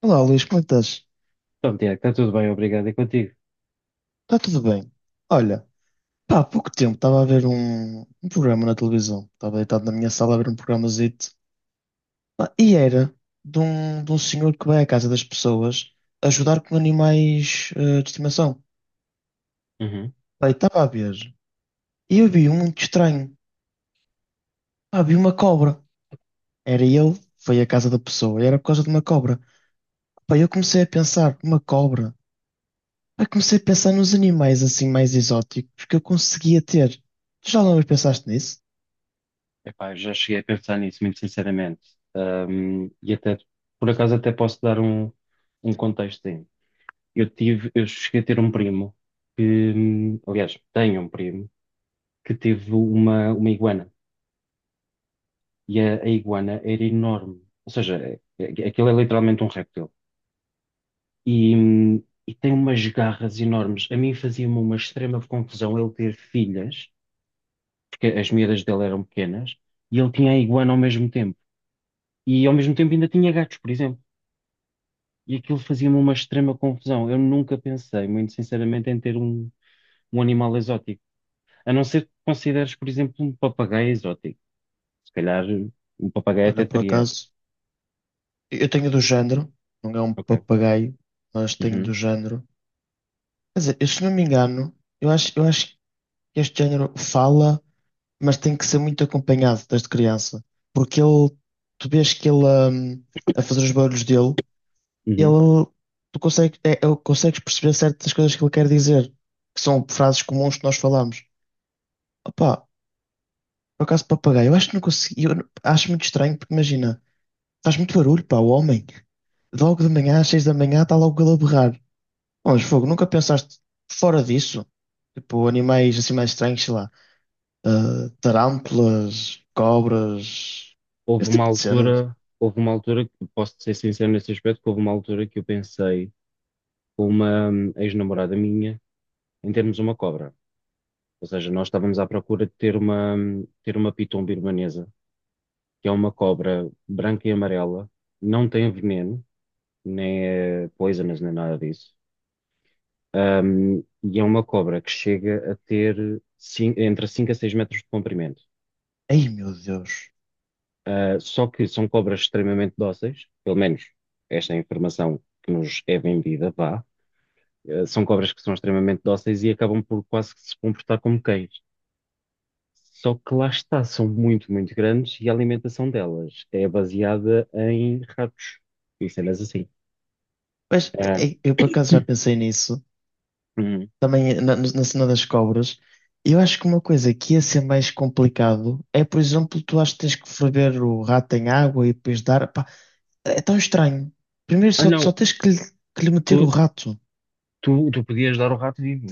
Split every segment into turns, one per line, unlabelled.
Olá, Luís, como é que estás?
Então, Tiago, está tudo bem, obrigado. E contigo?
Está tudo bem? Olha, pá, há pouco tempo estava a ver um programa na televisão. Estava deitado na minha sala a ver um programazito. Pá, e era de um senhor que vai à casa das pessoas ajudar com animais de estimação.
Uhum.
Pá, e estava a ver. E eu vi um muito estranho. Pá, vi uma cobra. Era ele, foi à casa da pessoa e era por causa de uma cobra. Pá, eu comecei a pensar, uma cobra. Pá, comecei a pensar nos animais assim mais exóticos que eu conseguia ter. Tu já alguma vez pensaste nisso?
Epá, eu já cheguei a pensar nisso, muito sinceramente. E até, por acaso, até posso dar um contexto. Eu cheguei a ter um primo que, aliás, tenho um primo que teve uma iguana. E a iguana era enorme. Ou seja, aquilo é literalmente um réptil. E, hum, e tem umas garras enormes. A mim fazia-me uma extrema confusão ele ter filhas. Porque as miúdas dele eram pequenas, e ele tinha a iguana ao mesmo tempo. E ao mesmo tempo ainda tinha gatos, por exemplo. E aquilo fazia-me uma extrema confusão. Eu nunca pensei, muito sinceramente, em ter um animal exótico. A não ser que consideres, por exemplo, um papagaio exótico. Se calhar um papagaio até
Olha, por
teria.
acaso, eu tenho do género, não é um
Ok.
papagaio, mas tenho do
Uhum,
género. Quer dizer, eu, se não me engano, eu acho que este género fala, mas tem que ser muito acompanhado desde criança. Porque ele, tu vês que ele, hum, a fazer os barulhos dele,
uhum.
ele, tu consegue, é, é- consegues perceber certas coisas que ele quer dizer, que são frases comuns que nós falamos. Opa, por acaso, papagaio, eu acho que não consigo, eu não- acho muito estranho, porque imagina. Faz muito barulho, pá, o homem. Logo de manhã, às 6 da manhã, está logo ele a berrar. Pô, mas fogo, nunca pensaste fora disso? Tipo, animais assim mais estranhos, sei lá. Tarântulas, cobras, esse tipo de cenas.
Houve uma altura que posso ser sincero nesse aspecto, que houve uma altura que eu pensei com uma ex-namorada minha em termos uma cobra. Ou seja, nós estávamos à procura de ter uma piton birmanesa, que é uma cobra branca e amarela, não tem veneno, nem é poisonous, nem nada disso. E é uma cobra que chega a ter entre 5 a 6 metros de comprimento.
Ei, meu Deus.
Ah, só que são cobras extremamente dóceis, pelo menos esta é a informação que nos é vendida, vá. Ah, são cobras que são extremamente dóceis e acabam por quase que se comportar como cães. Só que lá está, são muito, muito grandes e a alimentação delas é baseada em ratos e cenas assim.
Mas
Ah,
ei, eu por acaso já pensei nisso.
hum.
Também na cena das cobras. Eu acho que uma coisa que ia ser mais complicado é, por exemplo, tu acho que tens que ferver o rato em água e depois dar. Pá, é tão estranho. Primeiro
Ah,
só,
não,
só tens que lhe meter o
tu,
rato.
tu podias dar o rato vivo.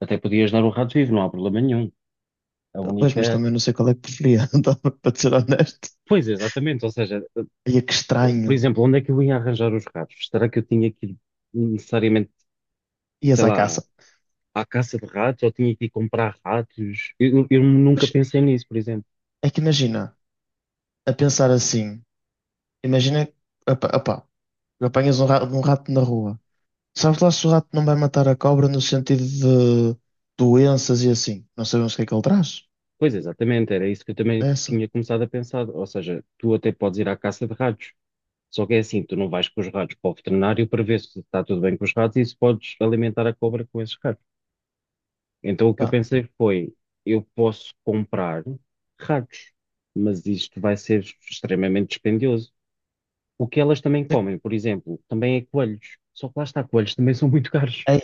Até podias dar o rato vivo, não há problema nenhum. A
Pois, mas
única.
também não sei qual é que preferia, então, para ser honesto.
Pois, exatamente. Ou seja,
Ia que
por
estranho.
exemplo, onde é que eu ia arranjar os ratos? Será que eu tinha que ir necessariamente,
Ias
sei
à
lá,
caça.
à caça de ratos ou tinha que ir comprar ratos? Eu nunca
Mas
pensei nisso, por exemplo.
é que imagina, a pensar assim, imagina, opa, apanhas um rato na rua. Sabes lá se o rato não vai matar a cobra no sentido de doenças e assim. Não sabemos o que é que ele traz.
Pois exatamente, era isso que eu também
É essa.
tinha começado a pensar. Ou seja, tu até podes ir à caça de ratos. Só que é assim, tu não vais com os ratos para o veterinário para ver se está tudo bem com os ratos e se podes alimentar a cobra com esses ratos. Então o que eu
Pá.
pensei foi, eu posso comprar ratos, mas isto vai ser extremamente dispendioso. O que elas também comem, por exemplo, também é coelhos. Só que lá está, coelhos também são muito caros.
Aí,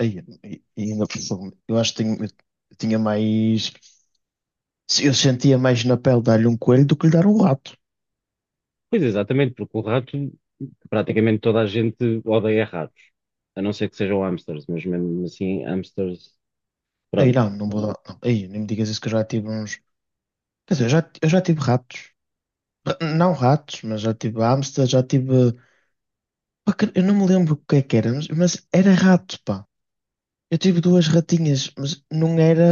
aí, ainda, por cima, eu acho que tenho- eu tinha mais. Se eu sentia mais na pele dar-lhe um coelho do que lhe dar um rato.
Pois exatamente, porque o rato, praticamente toda a gente odeia ratos, a não ser que sejam hamsters, mas mesmo assim, hamsters,
Aí
pronto.
não, não vou dar. Não. Aí nem me digas isso que eu já tive uns. Quer dizer, eu já tive ratos. Não ratos, mas já tive hamster, já tive. Pá, eu não me lembro o que é que era, mas era rato, pá. Eu tive duas ratinhas, mas não era.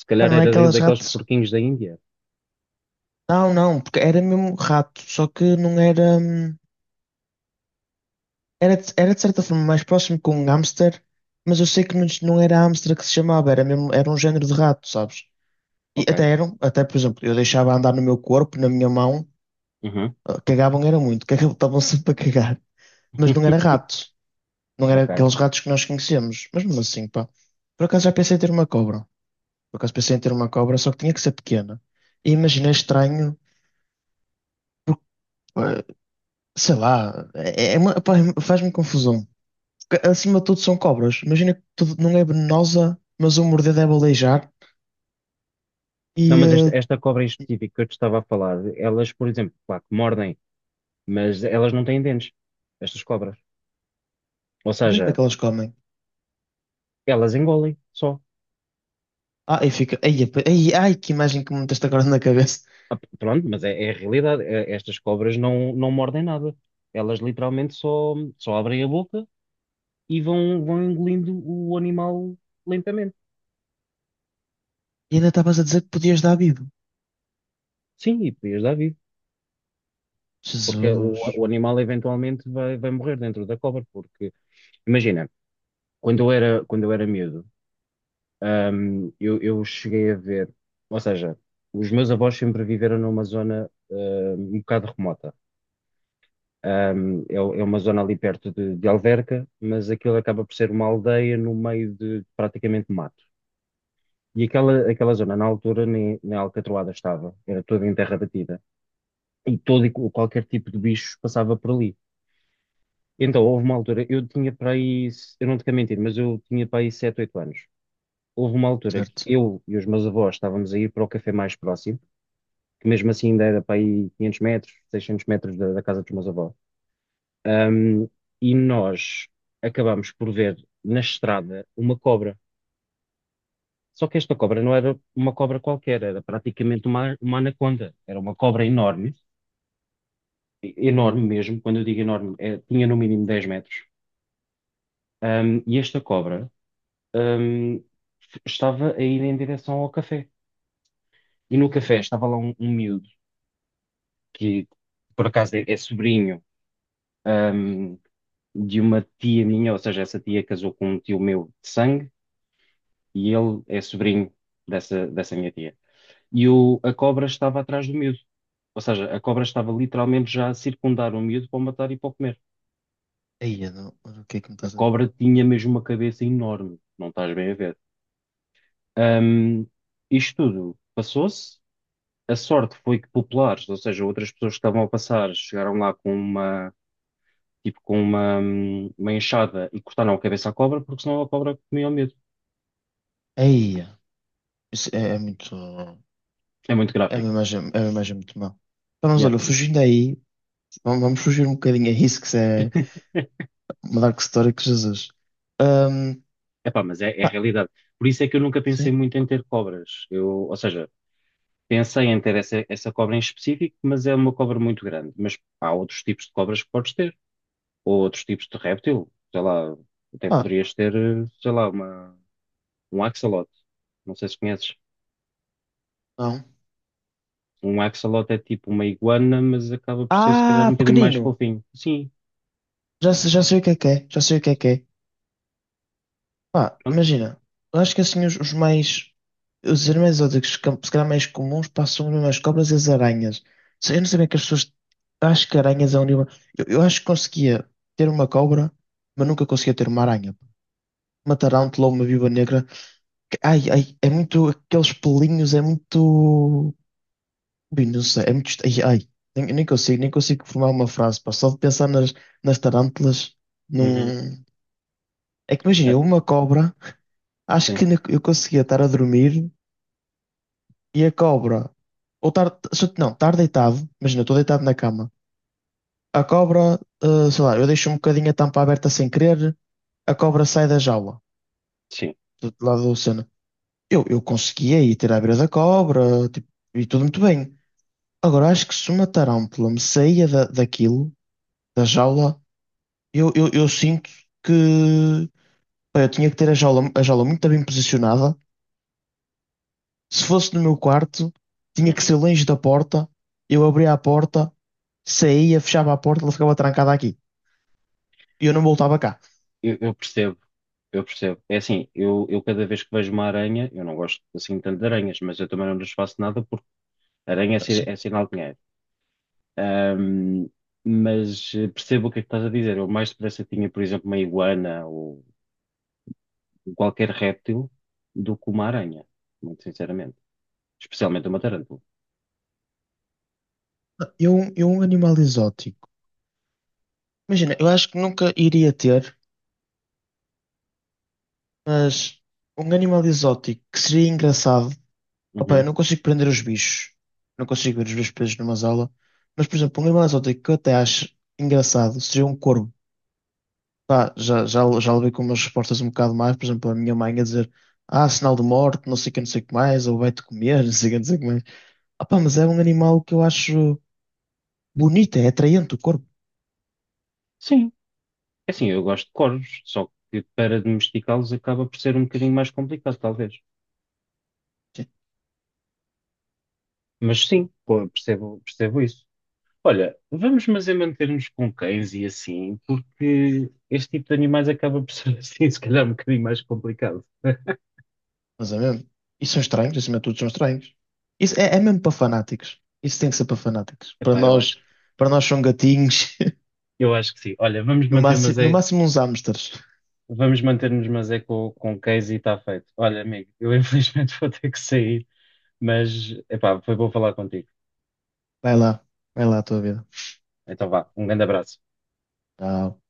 Se
Pá,
calhar
não é
era
aquelas
daqueles
ratas.
porquinhos da Índia.
Não, não, porque era mesmo rato, só que não era. Era, era de certa forma mais próximo com um hamster, mas eu sei que não era hamster que se chamava, era mesmo, era um género de rato, sabes? E
Ok.
até eram, até por exemplo, eu deixava andar no meu corpo, na minha mão,
Uhum.
cagavam era muito, cagavam, estavam sempre a cagar, mas não era rato, não era
Ok.
aqueles ratos que nós conhecemos, mas mesmo assim, pá. Por acaso já pensei em ter uma cobra, por acaso pensei em ter uma cobra, só que tinha que ser pequena. E imaginei estranho, porque, pá, sei lá, pá, faz-me confusão. Porque, acima de tudo são cobras, imagina que tudo, não é venenosa, mas o morder deve aleijar,
Não,
e
mas esta, esta cobra em específico que eu te estava a falar, elas, por exemplo, claro que mordem, mas elas não têm dentes, estas cobras. Ou
não sei como é
seja,
que elas comem.
elas engolem só.
Ah, e fica, ai, ai, que imagem que me meteste agora na cabeça.
Pronto, mas é a realidade. Estas cobras não mordem nada. Elas literalmente só abrem a boca e vão engolindo o animal lentamente.
E ainda estavas a dizer que podias dar bibo.
Sim, e podias dar vida, porque o,
Jesus.
o animal eventualmente vai morrer dentro da cobra, porque imagina, quando eu era miúdo, eu cheguei a ver, ou seja, os meus avós sempre viveram numa zona, um bocado remota. É uma zona ali perto de Alverca, mas aquilo acaba por ser uma aldeia no meio de praticamente mato. E aquela zona, na altura, nem alcatroada estava, era toda em terra batida. Qualquer tipo de bicho passava por ali. Então, houve uma altura, eu tinha para aí, eu não te quero mentir, mas eu tinha para aí 7 8 anos. Houve uma altura que
Certo.
eu e os meus avós estávamos a ir para o café mais próximo, que mesmo assim ainda era para aí 500 metros, 600 metros da casa dos meus avós. Ahm, e nós acabámos por ver na estrada uma cobra. Só que esta cobra não era uma cobra qualquer, era praticamente uma anaconda. Era uma cobra enorme, enorme mesmo. Quando eu digo enorme, tinha no mínimo 10 metros. E esta cobra, um, estava a ir em direção ao café. E no café estava lá um miúdo, que por acaso é sobrinho, um, de uma tia minha, ou seja, essa tia casou com um tio meu de sangue, e ele é sobrinho dessa minha tia. E a cobra estava atrás do miúdo. Ou seja, a cobra estava literalmente já a circundar o miúdo para o matar e para o comer.
Eia, não. Olha, o que é que me
A
estás a dizer?
cobra tinha mesmo uma cabeça enorme, não estás bem a ver. Um, isto tudo passou-se. A sorte foi que populares, ou seja, outras pessoas que estavam a passar, chegaram lá tipo, uma enxada e cortaram a cabeça à cobra, porque senão a cobra comia o medo.
Eia. Isso é, é muito.
É muito gráfico.
É uma imagem muito má. Então, mas
Yeah.
olha, fugindo aí, vamos fugir um bocadinho a isso, que isso é uma dark story que Jesus. Ahm,
Epá, mas é a
Pá,
realidade. Por isso é que eu nunca pensei
sim.
muito em ter cobras. Ou seja, pensei em ter essa cobra em específico, mas é uma cobra muito grande. Mas há outros tipos de cobras que podes ter, ou outros tipos de réptil. Sei lá, até
Ah,
poderias ter, sei lá, um axolote. Não sei se conheces.
não.
Um axolote é tipo uma iguana, mas acaba por ser se calhar um
Ah,
bocadinho mais
pequenino.
fofinho. Sim,
Já, já sei o que é que é. Já sei o que é que é. Pá,
pronto.
imagina, eu acho que assim os os animais exóticos, que se calhar mais comuns, passam mesmo as cobras e as aranhas. Eu não sabia que as pessoas, acho que aranhas é um nível, eu acho que conseguia ter uma cobra, mas nunca conseguia ter uma aranha. Uma tarântula ou uma viúva negra, ai, ai, é muito, aqueles pelinhos, é muito. Ui, não sei, é muito, ai, ai, nem consigo formar uma frase, pá, só de pensar nas tarântulas,
Uhum.
não. É que
Ah,
imagina, uma cobra, acho
sim,
que eu conseguia estar a dormir e a cobra. Ou estar. Não, estar deitado. Imagina, eu estou deitado na cama. A cobra, sei lá, eu deixo um bocadinho a tampa aberta sem querer, a cobra sai da jaula,
sim.
do lado da cena. Eu conseguia ir ter à beira da cobra, tipo, e tudo muito bem. Agora, acho que se uma tarântula me saía da, daquilo, da jaula, eu sinto que. Pá, eu tinha que ter a jaula muito bem posicionada. Se fosse no meu quarto, tinha que
Uhum.
ser longe da porta. Eu abria a porta, saía, fechava a porta, ela ficava trancada aqui. E eu não voltava cá.
Eu percebo, eu percebo. É assim, eu cada vez que vejo uma aranha, eu não gosto assim tanto de aranhas, mas eu também não lhes faço nada porque aranha é, si-
Sim.
é sinal de dinheiro. Ahm, mas percebo o que é que estás a dizer. Eu mais depressa tinha, por exemplo, uma iguana ou qualquer réptil do que uma aranha, muito sinceramente. Especialmente uma tarântula.
Eu, um animal exótico. Imagina, eu acho que nunca iria ter, mas um animal exótico que seria engraçado. Opa, eu
Uhum.
não consigo prender os bichos. Não consigo ver os bichos presos numa jaula. Mas, por exemplo, um animal exótico que eu até acho engraçado seria um corvo. Pá, já levei com umas respostas um bocado mais, por exemplo, a minha mãe a dizer ah, sinal de morte, não sei o que, não sei o que mais, ou vai-te comer, não sei o que, não sei o que mais. Ah, pá, mas é um animal que eu acho bonito, é atraente o corpo.
Sim, é assim, eu gosto de corvos, só que para domesticá-los acaba por ser um bocadinho mais complicado, talvez. Mas sim, percebo, percebo isso. Olha, vamos mas é manter-nos com cães e assim, porque este tipo de animais acaba por ser assim, se calhar um bocadinho mais complicado.
Mas é mesmo. E são estranhos, acima de tudo são estranhos. Isso é, é mesmo para fanáticos. Isso tem que ser para fanáticos.
Epá, eu acho, que-
Para nós são gatinhos,
eu acho que sim. Olha,
no máximo, no máximo uns hamsters.
vamos manter-nos mas é com cães e está feito. Olha, amigo, eu infelizmente vou ter que sair, mas epá, foi bom falar contigo.
Vai lá, vai lá a tua vida.
Então vá, um grande abraço.
Tchau.